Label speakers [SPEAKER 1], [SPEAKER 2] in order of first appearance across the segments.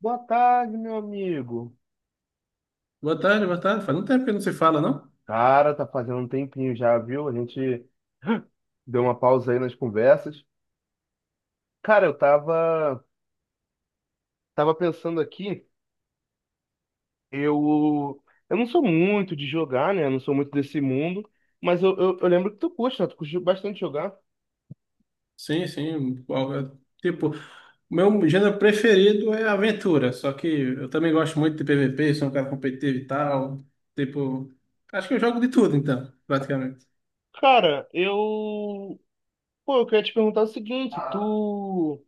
[SPEAKER 1] Boa tarde, meu amigo.
[SPEAKER 2] Boa tarde, boa tarde. Faz um tempo que não se fala, não?
[SPEAKER 1] Cara, tá fazendo um tempinho já, viu? A gente deu uma pausa aí nas conversas. Cara, eu tava, tava pensando aqui, eu, não sou muito de jogar, né? Eu não sou muito desse mundo, mas eu, lembro que tu curte, né? Tu curte bastante jogar.
[SPEAKER 2] Sim, sim. Tipo, Meu gênero preferido é aventura, só que eu também gosto muito de PVP, sou um cara competitivo e tal. Tipo, Acho que eu jogo de tudo, então, praticamente.
[SPEAKER 1] Cara, eu, pô, eu queria te perguntar o seguinte, tu,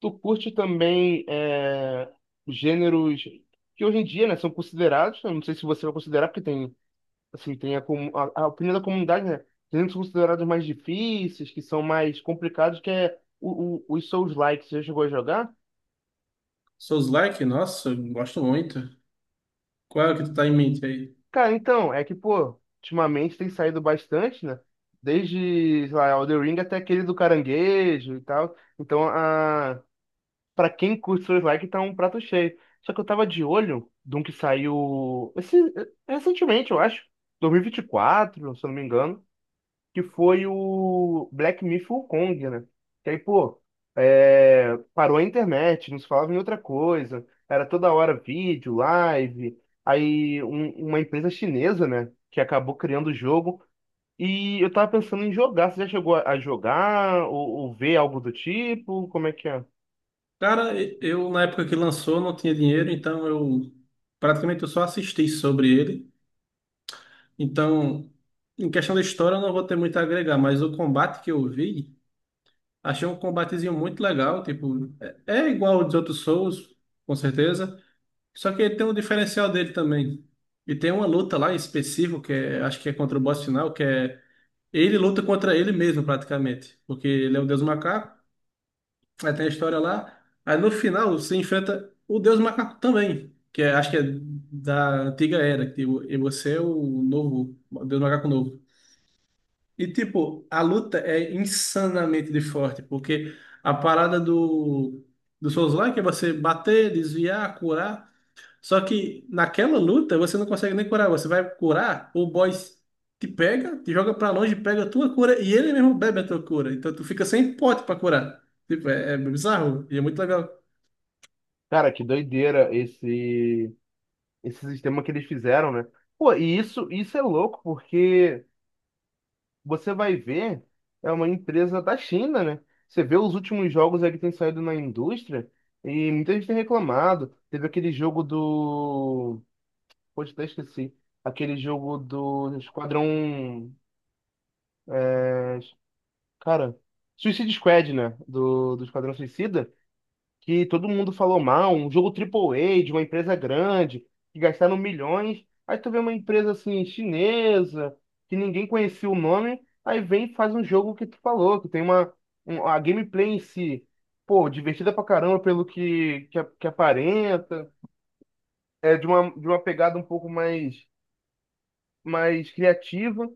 [SPEAKER 1] tu curte também é, gêneros que hoje em dia, né, são considerados, eu não sei se você vai considerar, porque tem assim, tem a opinião da comunidade, né? Tem os considerados mais difíceis, que são mais complicados, que é os Souls-like. Você já chegou a jogar?
[SPEAKER 2] Souls-like, nossa, eu gosto muito. Qual é o que tu tá em mente aí?
[SPEAKER 1] Cara, então, é que, pô, ultimamente tem saído bastante, né? Desde, sei lá, Elden Ring até aquele do caranguejo e tal. Então, a... pra quem curte Souls-like, tá um prato cheio. Só que eu tava de olho de um que saiu esse, recentemente, eu acho. 2024, se eu não me engano, que foi o Black Myth Wukong, né? Que aí, pô, é, parou a internet, não se falava em outra coisa, era toda hora vídeo, live, aí uma empresa chinesa, né, que acabou criando o jogo, e eu tava pensando em jogar. Você já chegou a jogar, ou ver algo do tipo, como é que é?
[SPEAKER 2] Cara, eu na época que lançou não tinha dinheiro, então eu praticamente eu só assisti sobre ele. Então, em questão da história eu não vou ter muito a agregar, mas o combate que eu vi. Achei um combatezinho muito legal, tipo, é igual ao dos outros Souls, com certeza, só que ele tem um diferencial dele também. E tem uma luta lá em específico, que é, acho que é contra o boss final, que é ele luta contra ele mesmo, praticamente, porque ele é o Deus Macaco. Aí tem a história lá, aí no final você enfrenta o Deus Macaco também, acho que é da antiga era, e você é o novo, o Deus Macaco novo. E, tipo, a luta é insanamente de forte, porque a parada do Souls-like é você bater, desviar, curar. Só que naquela luta você não consegue nem curar. Você vai curar, o boss te pega, te joga pra longe, pega a tua cura e ele mesmo bebe a tua cura. Então tu fica sem pote pra curar. Tipo, é bizarro e é muito legal.
[SPEAKER 1] Cara, que doideira esse, esse sistema que eles fizeram, né? Pô, e isso é louco, porque... você vai ver, é uma empresa da China, né? Você vê os últimos jogos aí que tem saído na indústria e muita gente tem reclamado. Teve aquele jogo do. Poxa, até esqueci. Aquele jogo do Esquadrão. Cara, Suicide Squad, né? Do Esquadrão Suicida, que todo mundo falou mal, um jogo triple A de uma empresa grande, que gastaram milhões. Aí tu vê uma empresa assim chinesa, que ninguém conhecia o nome, aí vem e faz um jogo que tu falou, que tem uma a gameplay em si, pô, divertida pra caramba pelo que, que aparenta, é de uma pegada um pouco mais mais criativa.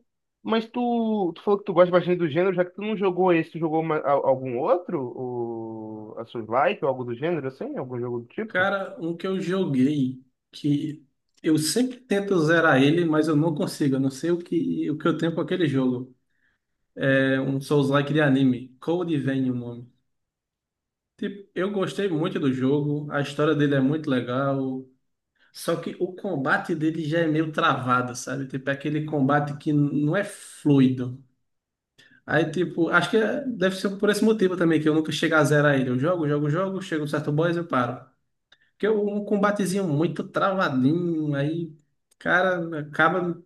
[SPEAKER 1] Mas tu, tu falou que tu gosta bastante do gênero. Já que tu não jogou esse, tu jogou algum outro? A Soulslike ou algo do gênero, assim? Algum jogo do tipo?
[SPEAKER 2] Cara, um que eu joguei que eu sempre tento zerar ele, mas eu não consigo. Eu não sei o que eu tenho com aquele jogo. É um Souls-like de anime. Code Vein o nome. Tipo, eu gostei muito do jogo, a história dele é muito legal, só que o combate dele já é meio travado, sabe? Tipo, é aquele combate que não é fluido. Aí, tipo, deve ser por esse motivo também, que eu nunca chego a zerar ele. Eu jogo, chego um certo boss e eu paro. Porque é um combatezinho muito travadinho, aí, cara, acaba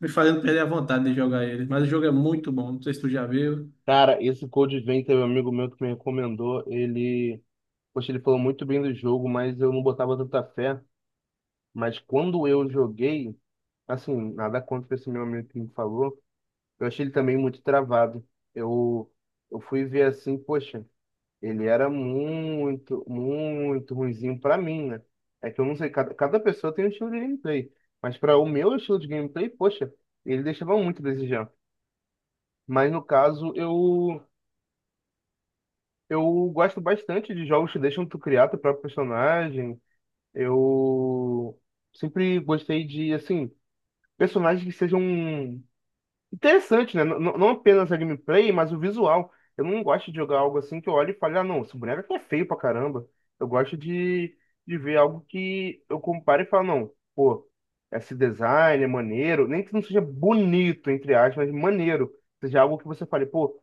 [SPEAKER 2] me fazendo perder a vontade de jogar ele. Mas o jogo é muito bom, não sei se tu já viu.
[SPEAKER 1] Cara, esse Code Vein teve um amigo meu que me recomendou. Ele, poxa, ele falou muito bem do jogo, mas eu não botava tanta fé. Mas quando eu joguei, assim, nada contra esse meu amigo que me falou, eu achei ele também muito travado. Eu, fui ver assim, poxa, ele era muito, muito ruinzinho pra mim, né? É que eu não sei, cada, pessoa tem um estilo de gameplay. Mas para o meu estilo de gameplay, poxa, ele deixava muito a desejar. Mas no caso, eu gosto bastante de jogos que deixam tu criar teu próprio personagem. Eu sempre gostei de, assim, personagens que sejam interessantes, né? Não apenas a gameplay, mas o visual. Eu não gosto de jogar algo assim que eu olho e falo, ah, não, esse boneco aqui é feio pra caramba. Eu gosto de, ver algo que eu comparo e falo, não, pô, esse design é maneiro. Nem que não seja bonito, entre aspas, mas maneiro. Seja algo que você fale, pô,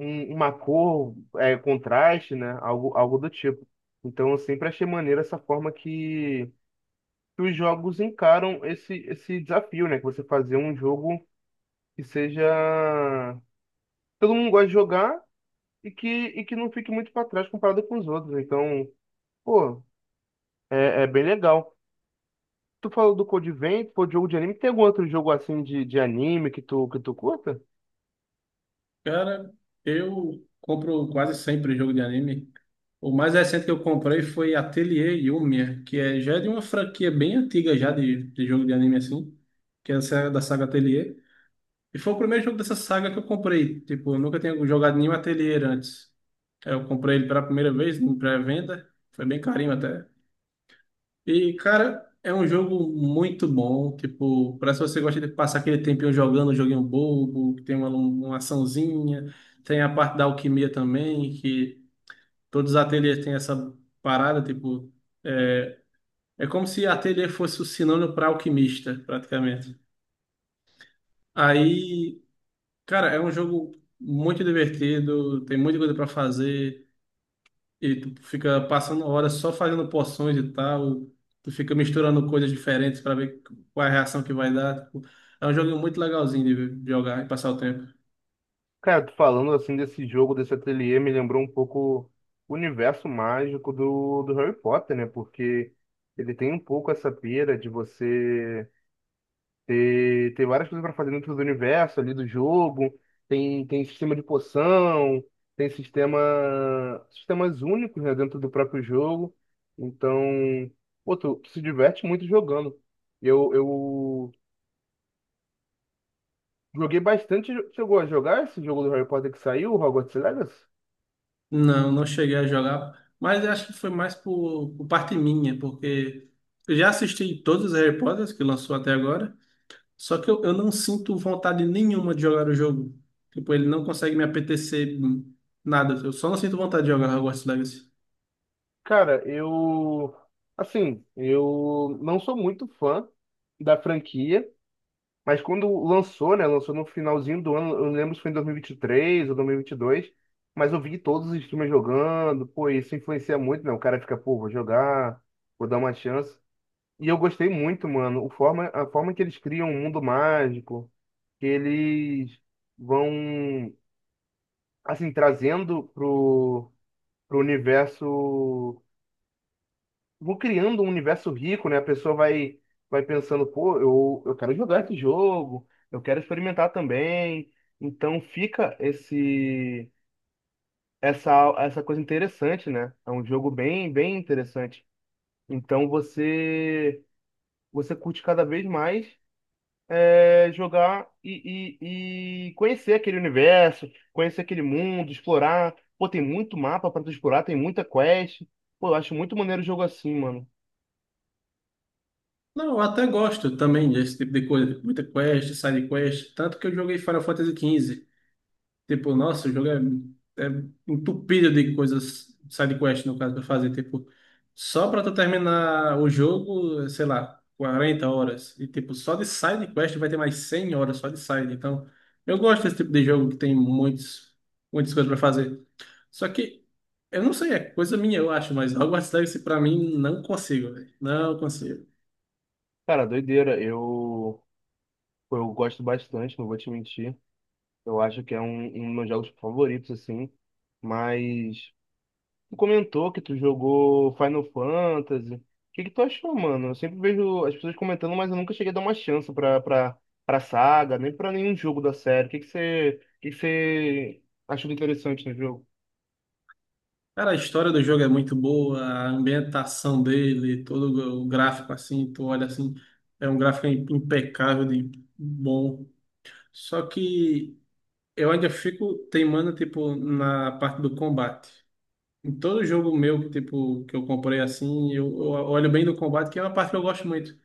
[SPEAKER 1] uma cor, é, contraste, né? Algo, do tipo. Então eu sempre achei maneiro essa forma que os jogos encaram esse, desafio, né? Que você fazer um jogo que seja. Todo mundo gosta de jogar e que não fique muito para trás comparado com os outros. Então, pô, é, é bem legal. Tu falou do Code Vein, pô, jogo de anime. Tem algum outro jogo assim de, anime que tu curta?
[SPEAKER 2] Cara, eu compro quase sempre jogo de anime. O mais recente que eu comprei foi Atelier Yumiya, já é de uma franquia bem antiga já de jogo de anime assim, que é essa da saga Atelier. E foi o primeiro jogo dessa saga que eu comprei. Tipo, eu nunca tinha jogado nenhum Atelier antes. Eu comprei ele pela primeira vez, em pré-venda. Foi bem carinho até. E, cara, é um jogo muito bom. Tipo, parece que você gosta de passar aquele tempinho jogando um joguinho bobo, que tem uma açãozinha. Tem a parte da alquimia também, que todos os ateliês têm essa parada, tipo. É, É como se ateliê fosse o sinônimo para alquimista, praticamente. Aí, cara, é um jogo muito divertido, tem muita coisa para fazer. E tu fica passando horas só fazendo poções e tal. Tu fica misturando coisas diferentes para ver qual é a reação que vai dar. Tipo, é um joguinho muito legalzinho de jogar e passar o tempo.
[SPEAKER 1] Cara, tu falando assim desse jogo, desse ateliê, me lembrou um pouco o universo mágico do, Harry Potter, né? Porque ele tem um pouco essa pira de você ter, várias coisas para fazer dentro do universo ali do jogo. Tem, sistema de poção, tem sistema, sistemas únicos, né, dentro do próprio jogo. Então, pô, tu, se diverte muito jogando. Eu, joguei bastante. Chegou a jogar esse jogo do Harry Potter que saiu, o Hogwarts Legacy?
[SPEAKER 2] Não, não cheguei a jogar, mas eu acho que foi mais por parte minha, porque eu já assisti todos os Harry Potters que lançou até agora, só que eu não sinto vontade nenhuma de jogar o jogo. Tipo, ele não consegue me apetecer nada. Eu só não sinto vontade de jogar Hogwarts Legacy.
[SPEAKER 1] Cara, eu. Assim, eu não sou muito fã da franquia, mas quando lançou, né? Lançou no finalzinho do ano, eu lembro se foi em 2023 ou dois mil e vinte e dois, mas eu vi todos os streamers jogando, pô, isso influencia muito, né? O cara fica, pô, vou jogar, vou dar uma chance. E eu gostei muito, mano, o forma, a forma que eles criam um mundo mágico, que eles vão, assim, trazendo pro, pro universo. Vou criando um universo rico, né? A pessoa vai, pensando, pô, eu, quero jogar esse jogo, eu quero experimentar também. Então fica esse essa coisa interessante, né? É um jogo bem bem interessante. Então você curte cada vez mais é, jogar e, e conhecer aquele universo, conhecer aquele mundo, explorar. Pô, tem muito mapa para tu explorar, tem muita quest. Pô, eu acho muito maneiro o jogo assim, mano.
[SPEAKER 2] Não, eu até gosto também desse tipo de coisa. Muita quest, side quest. Tanto que eu joguei Final Fantasy 15. Tipo, nossa, o jogo é, é entupido de coisas, side quest no caso, pra fazer. Tipo, só pra tu terminar o jogo, sei lá, 40 horas. E tipo, só de side quest vai ter mais 100 horas só de side. Então, eu gosto desse tipo de jogo que tem muitos, muitas coisas pra fazer. Só que, eu não sei, é coisa minha, eu acho, mas Hogwarts Legacy pra mim não consigo, velho. Não consigo.
[SPEAKER 1] Cara, doideira. Eu gosto bastante, não vou te mentir. Eu acho que é um, dos meus jogos favoritos, assim. Mas tu comentou que tu jogou Final Fantasy. O que que tu achou, mano? Eu sempre vejo as pessoas comentando, mas eu nunca cheguei a dar uma chance pra, pra, pra saga, nem pra nenhum jogo da série. O que que você, o que que você achou de interessante no jogo?
[SPEAKER 2] Cara, a história do jogo é muito boa, a ambientação dele, todo o gráfico assim, tu olha assim, é um gráfico impecável de bom. Só que eu ainda fico teimando, tipo, na parte do combate. Em todo jogo meu, tipo, que eu comprei assim, eu olho bem no combate, que é uma parte que eu gosto muito.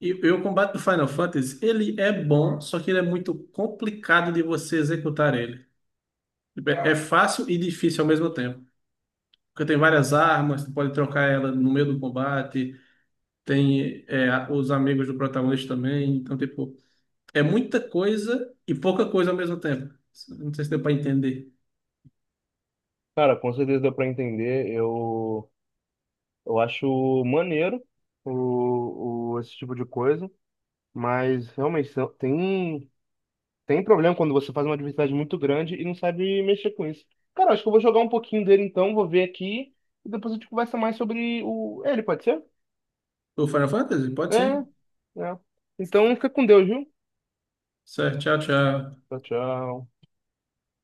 [SPEAKER 2] E o combate do Final Fantasy, ele é bom, só que ele é muito complicado de você executar ele. Tipo, é fácil e difícil ao mesmo tempo. Porque tem várias armas, tu pode trocar ela no meio do combate, tem os amigos do protagonista também. Então, tipo, é muita coisa e pouca coisa ao mesmo tempo. Não sei se deu pra entender.
[SPEAKER 1] Cara, com certeza deu pra entender. Eu, acho maneiro esse tipo de coisa. Mas realmente tem. Tem problema quando você faz uma diversidade muito grande e não sabe mexer com isso. Cara, acho que eu vou jogar um pouquinho dele então, vou ver aqui e depois a gente conversa mais sobre o ele, pode ser?
[SPEAKER 2] O Final Fantasy? Pode
[SPEAKER 1] É,
[SPEAKER 2] sim.
[SPEAKER 1] é. Então fica com Deus, viu?
[SPEAKER 2] Certo, tchau, tchau.
[SPEAKER 1] Tchau, tchau.